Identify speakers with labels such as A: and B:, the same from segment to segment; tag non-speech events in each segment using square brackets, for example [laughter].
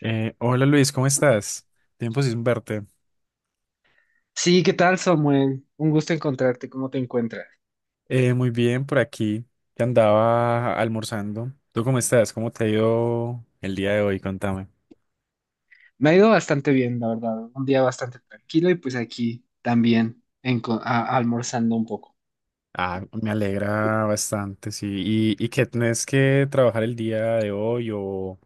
A: Hola Luis, ¿cómo estás? Tiempo sin verte.
B: Sí, ¿qué tal, Samuel? Un gusto encontrarte. ¿Cómo te encuentras?
A: Muy bien, por aquí, que andaba almorzando. ¿Tú cómo estás? ¿Cómo te ha ido el día de hoy? Contame.
B: Me ha ido bastante bien, la verdad. Un día bastante tranquilo y pues aquí también almorzando un poco.
A: Ah, me alegra bastante, sí. ¿Y qué tenés que trabajar el día de hoy o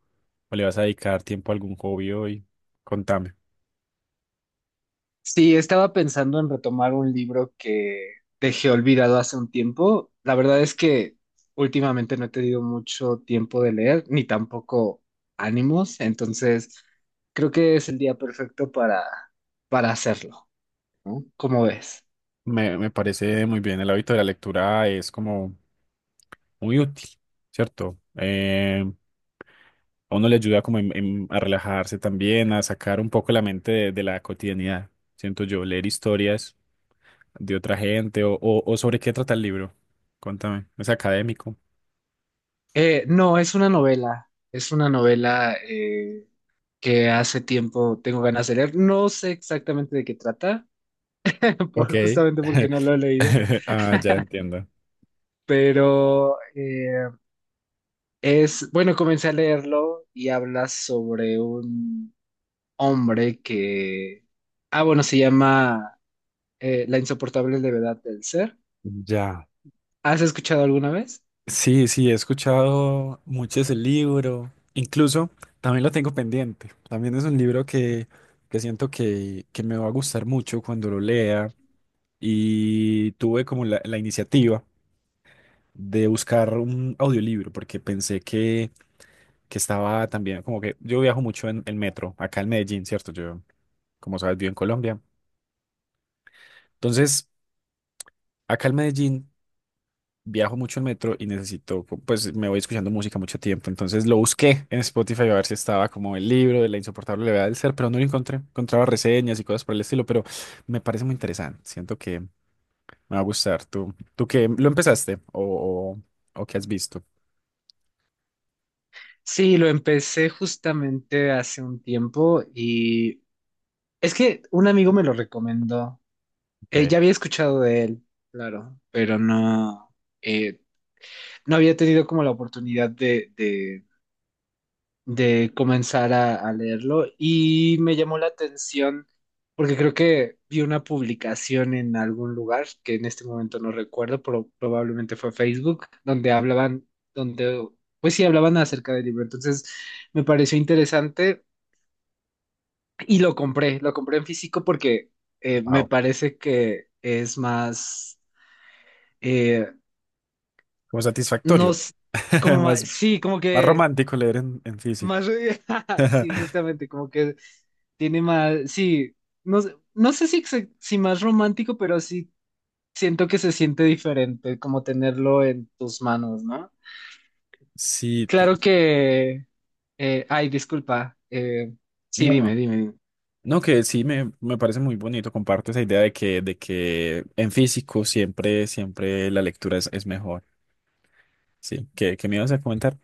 A: le vas a dedicar tiempo a algún hobby hoy? Contame.
B: Sí, estaba pensando en retomar un libro que dejé olvidado hace un tiempo. La verdad es que últimamente no he tenido mucho tiempo de leer, ni tampoco ánimos, entonces creo que es el día perfecto para hacerlo, ¿no? ¿Cómo ves?
A: Me parece muy bien, el hábito de la lectura es como muy útil, ¿cierto? A uno le ayuda como a relajarse también, a sacar un poco la mente de la cotidianidad. Siento yo, leer historias de otra gente o sobre qué trata el libro. Cuéntame, ¿es académico?
B: No, es una novela. Es una novela que hace tiempo tengo ganas de leer. No sé exactamente de qué trata, [laughs]
A: Ok.
B: justamente porque no
A: [laughs]
B: lo he leído.
A: Ah, ya
B: [laughs]
A: entiendo.
B: Pero bueno, comencé a leerlo y habla sobre un hombre que, ah, bueno, se llama La insoportable levedad del ser.
A: Ya.
B: ¿Has escuchado alguna vez?
A: Sí, sí, he escuchado mucho ese libro. Incluso también lo tengo pendiente. También es un libro que siento que me va a gustar mucho cuando lo lea. Y tuve como la iniciativa de buscar un audiolibro, porque pensé que estaba también, como que yo viajo mucho en el metro, acá en Medellín, ¿cierto? Yo, como sabes, vivo en Colombia. Entonces, acá en Medellín viajo mucho en metro y necesito, pues me voy escuchando música mucho tiempo. Entonces lo busqué en Spotify a ver si estaba como el libro de La insoportable levedad del ser, pero no lo encontré. Encontraba reseñas y cosas por el estilo, pero me parece muy interesante. Siento que me va a gustar. ¿Tú qué, lo empezaste o qué has visto?
B: Sí, lo empecé justamente hace un tiempo y es que un amigo me lo recomendó.
A: Ok.
B: Ya había escuchado de él, claro, pero no, eh, no había tenido como la oportunidad de comenzar a leerlo, y me llamó la atención porque creo que vi una publicación en algún lugar que en este momento no recuerdo, pero probablemente fue Facebook, donde hablaban, donde, pues sí, hablaban acerca del libro. Entonces me pareció interesante. Y lo compré en físico porque me
A: Wow.
B: parece que es más, eh,
A: Como
B: no,
A: satisfactorio. [laughs]
B: como más,
A: Más,
B: sí, como
A: más
B: que
A: romántico leer en físico.
B: más, [laughs] sí, justamente, como que tiene más, sí, no, no sé si, si más romántico, pero sí siento que se siente diferente como tenerlo en tus manos, ¿no?
A: Sí, te-
B: Claro que, ay, disculpa, sí,
A: no,
B: dime,
A: no.
B: dime, dime.
A: No, que sí me parece muy bonito. Comparto esa idea de que en físico siempre, siempre la lectura es mejor. Sí, ¿qué, qué me ibas a comentar?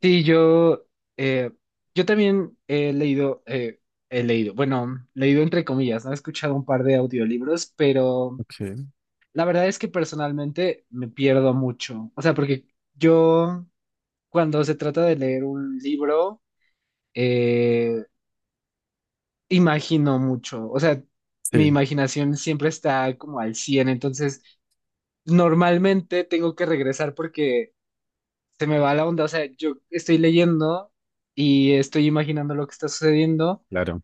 B: Sí, eh, yo también he leído, bueno, leído entre comillas, ¿no? He escuchado un par de audiolibros, pero
A: Okay.
B: la verdad es que personalmente me pierdo mucho. O sea, porque yo, cuando se trata de leer un libro, eh, imagino mucho. O sea, mi
A: Sí,
B: imaginación siempre está como al cien, entonces normalmente tengo que regresar porque se me va la onda. O sea, yo estoy leyendo y estoy imaginando lo que está sucediendo.
A: claro.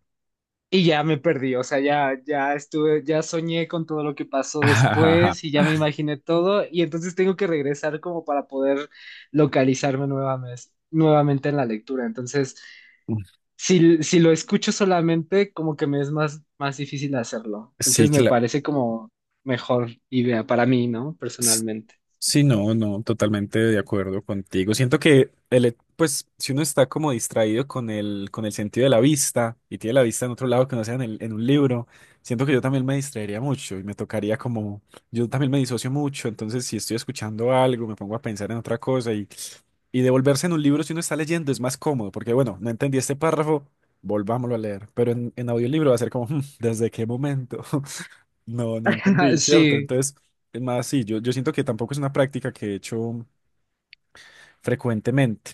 B: Y ya me perdí, o sea, ya estuve, ya soñé con todo lo que pasó
A: [laughs]
B: después y ya me imaginé todo, y entonces tengo que regresar como para poder localizarme nuevamente en la lectura. Entonces, si lo escucho solamente, como que me es más difícil hacerlo. Entonces
A: Sí,
B: me
A: claro.
B: parece como mejor idea para mí, ¿no? Personalmente.
A: Sí, no, no, totalmente de acuerdo contigo. Siento que pues, si uno está como distraído con con el sentido de la vista y tiene la vista en otro lado que no sea en, en un libro, siento que yo también me distraería mucho y me tocaría como, yo también me disocio mucho, entonces si estoy escuchando algo, me pongo a pensar en otra cosa y devolverse en un libro si uno está leyendo es más cómodo, porque bueno, no entendí este párrafo, volvámoslo a leer, pero en audiolibro va a ser como, [laughs] "Hmm, ¿desde qué momento? No, no
B: [laughs]
A: entendí, ¿cierto?".
B: Sí.
A: Entonces, es más, sí, yo siento que tampoco es una práctica que he hecho frecuentemente,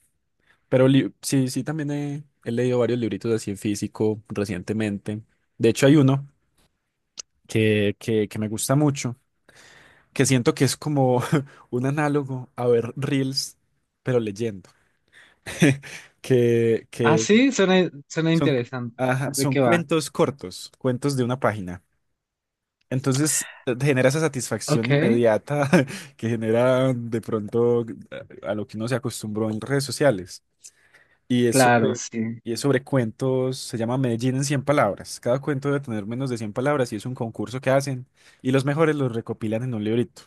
A: pero sí, sí, también he, he leído varios libritos así en físico recientemente. De hecho, hay uno que me gusta mucho, que siento que es como [laughs] un análogo a ver reels, pero leyendo, [laughs]
B: Ah,
A: que
B: sí, suena
A: son,
B: interesante.
A: ajá,
B: ¿De
A: son
B: qué va?
A: cuentos cortos, cuentos de una página. Entonces genera esa satisfacción
B: Ok,
A: inmediata [laughs] que genera de pronto a lo que uno se acostumbró en redes sociales. Y es
B: claro,
A: sobre,
B: sí.
A: y es sobre cuentos, se llama Medellín en cien palabras. Cada cuento debe tener menos de 100 palabras y es un concurso que hacen y los mejores los recopilan en un librito.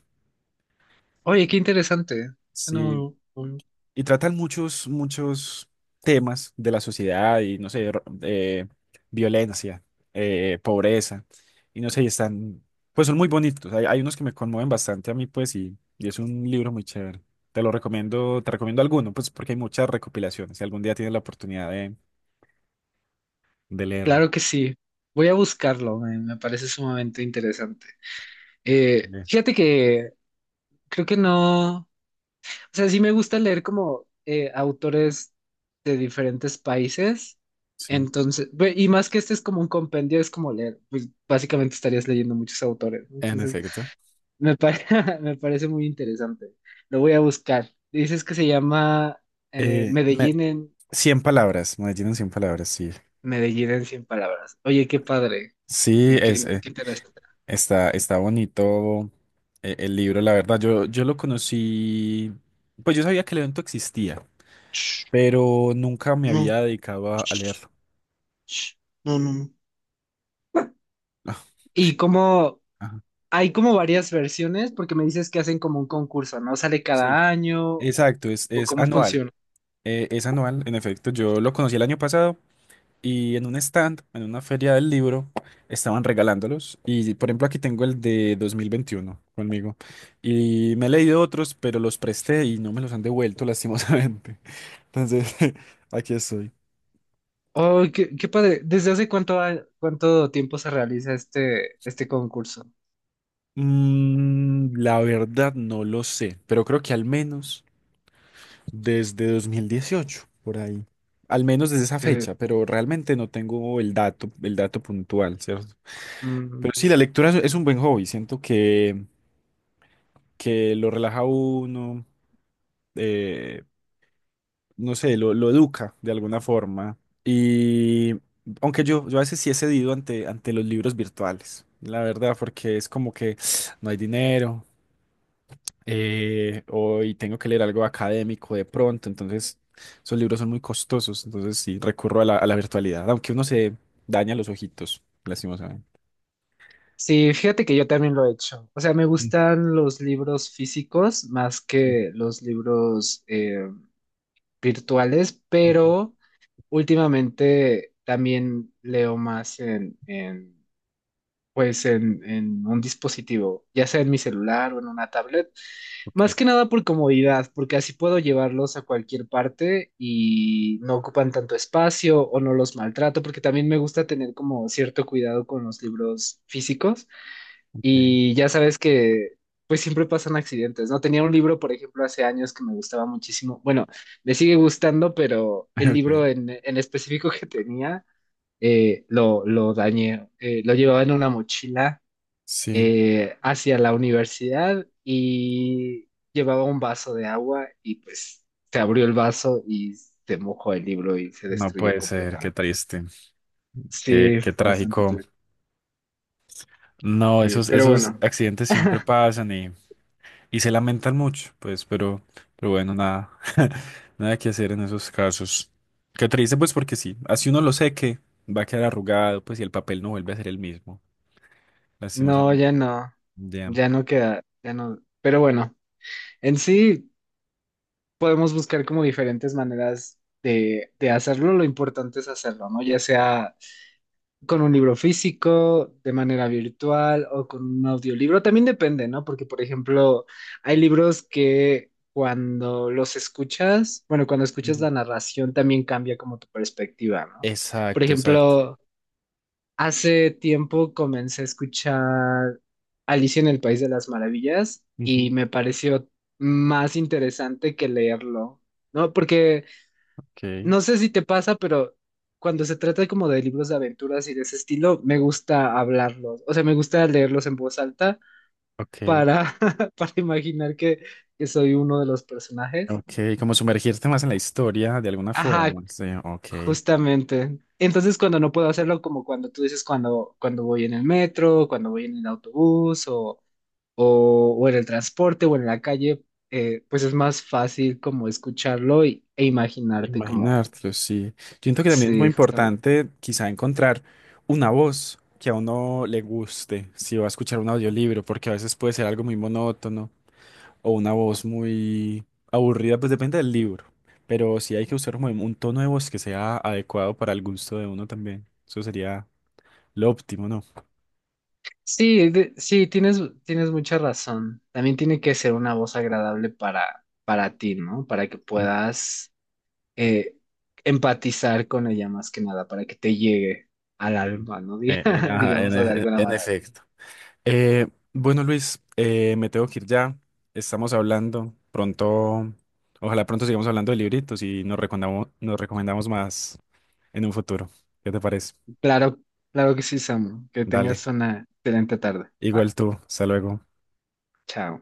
B: Oye, qué interesante. Suena
A: Sí,
B: muy, muy.
A: y tratan muchos, muchos temas de la sociedad y, no sé, violencia, pobreza, y no sé, y están, pues son muy bonitos. Hay unos que me conmueven bastante a mí, pues, y es un libro muy chévere. Te lo recomiendo, te recomiendo alguno, pues, porque hay muchas recopilaciones. Si algún día tienes la oportunidad de leerlo.
B: Claro que sí. Voy a buscarlo, me parece sumamente interesante.
A: Eh,
B: Fíjate que creo que no, o sea, sí me gusta leer como autores de diferentes países.
A: Sí,
B: Entonces, y más que este es como un compendio, es como leer, pues básicamente estarías leyendo muchos autores, ¿no?
A: en
B: Entonces,
A: efecto.
B: me, pare- [laughs] me parece muy interesante. Lo voy a buscar. Dices que se llama eh,
A: Eh, me,
B: Medellín en
A: 100 palabras, Medellín en cien palabras, sí.
B: Medellín en 100 palabras. Oye, qué padre.
A: Sí,
B: Y
A: es.
B: qué, qué interesante.
A: Está, está bonito el libro, la verdad. Yo lo conocí, pues yo sabía que el evento existía,
B: Ch,
A: pero nunca me
B: no.
A: había dedicado a leerlo.
B: No, no, no.
A: Ah,
B: Y como
A: ajá,
B: hay como varias versiones, porque me dices que hacen como un concurso, ¿no? ¿Sale
A: sí,
B: cada año
A: exacto,
B: o
A: es
B: cómo
A: anual.
B: funciona?
A: Es anual, en efecto. Yo lo conocí el año pasado y en un stand, en una feria del libro, estaban regalándolos. Y por ejemplo, aquí tengo el de 2021 conmigo. Y me he leído otros, pero los presté y no me los han devuelto, lastimosamente. [laughs] Entonces, [laughs] aquí estoy.
B: Oh, qué padre. ¿Desde hace cuánto, cuánto tiempo se realiza este concurso?
A: Mm, la verdad no lo sé, pero creo que al menos desde 2018 por ahí. Al menos desde esa
B: Que,
A: fecha, pero realmente no tengo el dato puntual, ¿cierto?
B: mm,
A: Pero sí, la lectura es un buen hobby, siento que lo relaja a uno, eh, no sé, lo educa de alguna forma. Y aunque yo a veces sí he cedido ante, ante los libros virtuales, la verdad, porque es como que [sniffs] no hay dinero. Y tengo que leer algo académico de pronto, entonces esos libros son muy costosos, entonces sí, recurro a la virtualidad, aunque uno se daña los ojitos, lastimosamente.
B: sí, fíjate que yo también lo he hecho. O sea, me
A: Mm,
B: gustan los libros físicos más
A: sí.
B: que los libros virtuales, pero últimamente también leo más en pues en un dispositivo, ya sea en mi celular o en una tablet,
A: Ok,
B: más que nada por comodidad, porque así puedo llevarlos a cualquier parte y no ocupan tanto espacio o no los maltrato, porque también me gusta tener como cierto cuidado con los libros físicos,
A: ok.
B: y ya sabes que pues siempre pasan accidentes, ¿no? Tenía un libro, por ejemplo, hace años, que me gustaba muchísimo, bueno, me sigue gustando, pero
A: [laughs]
B: el
A: Ok.
B: libro en específico que tenía lo dañé. Lo llevaba en una mochila
A: Sí,
B: hacia la universidad, y llevaba un vaso de agua y pues se abrió el vaso y se mojó el libro y se
A: no
B: destruyó
A: puede ser, qué
B: completamente.
A: triste, qué,
B: Sí,
A: qué
B: bastante
A: trágico.
B: turbio.
A: No,
B: Sí,
A: esos,
B: pero
A: esos
B: bueno,
A: accidentes siempre pasan. Y se lamentan mucho, pues, pero bueno, nada, [laughs] nada que hacer en esos casos. Qué triste, pues, porque sí, así uno lo sé que va a quedar arrugado, pues, y el papel no vuelve a ser el mismo,
B: no,
A: lastimosamente.
B: ya no,
A: Ya.
B: ya no queda, ya no. Pero bueno, en sí podemos buscar como diferentes maneras de hacerlo, lo importante es hacerlo, ¿no? Ya sea con un libro físico, de manera virtual o con un audiolibro. También depende, ¿no? Porque, por ejemplo, hay libros que cuando los escuchas, bueno, cuando escuchas
A: Ujú.
B: la narración también cambia como tu perspectiva, ¿no? Por
A: Exacto, exacto.
B: ejemplo, hace tiempo comencé a escuchar Alicia en el País de las Maravillas
A: Ujú.
B: y me pareció más interesante que leerlo, ¿no? Porque
A: Ok,
B: no sé si te pasa, pero cuando se trata como de libros de aventuras y de ese estilo, me gusta hablarlos. O sea, me gusta leerlos en voz alta
A: ok,
B: para, [laughs] para imaginar que soy uno de los personajes.
A: ok, como sumergirte más en la historia de alguna
B: Ajá,
A: forma. Sí, ok.
B: justamente. Entonces, cuando no puedo hacerlo, como cuando tú dices, cuando voy en el metro, cuando voy en el autobús o en el transporte o en la calle, pues es más fácil como escucharlo e imaginarte como,
A: Imaginártelo, sí. Yo siento que también es muy
B: sí.
A: importante quizá encontrar una voz que a uno le guste, si va a escuchar un audiolibro, porque a veces puede ser algo muy monótono o una voz muy aburrida, pues depende del libro. Pero sí hay que usar como un tono de voz que sea adecuado para el gusto de uno también. Eso sería lo óptimo, ¿no?
B: Sí, sí, tienes mucha razón. También tiene que ser una voz agradable para ti, ¿no? Para que
A: Sí.
B: puedas eh, empatizar con ella más que nada, para que te llegue al alma, ¿no? [laughs]
A: Ajá, en,
B: Digamos de alguna
A: en
B: manera.
A: efecto. Eh, bueno, Luis, me tengo que ir ya. Estamos hablando pronto. Ojalá pronto sigamos hablando de libritos y nos recomendamos más en un futuro. ¿Qué te parece?
B: Claro, claro que sí, Samu. Que tengas
A: Dale.
B: una excelente tarde. Va,
A: Igual tú. Hasta luego.
B: chao.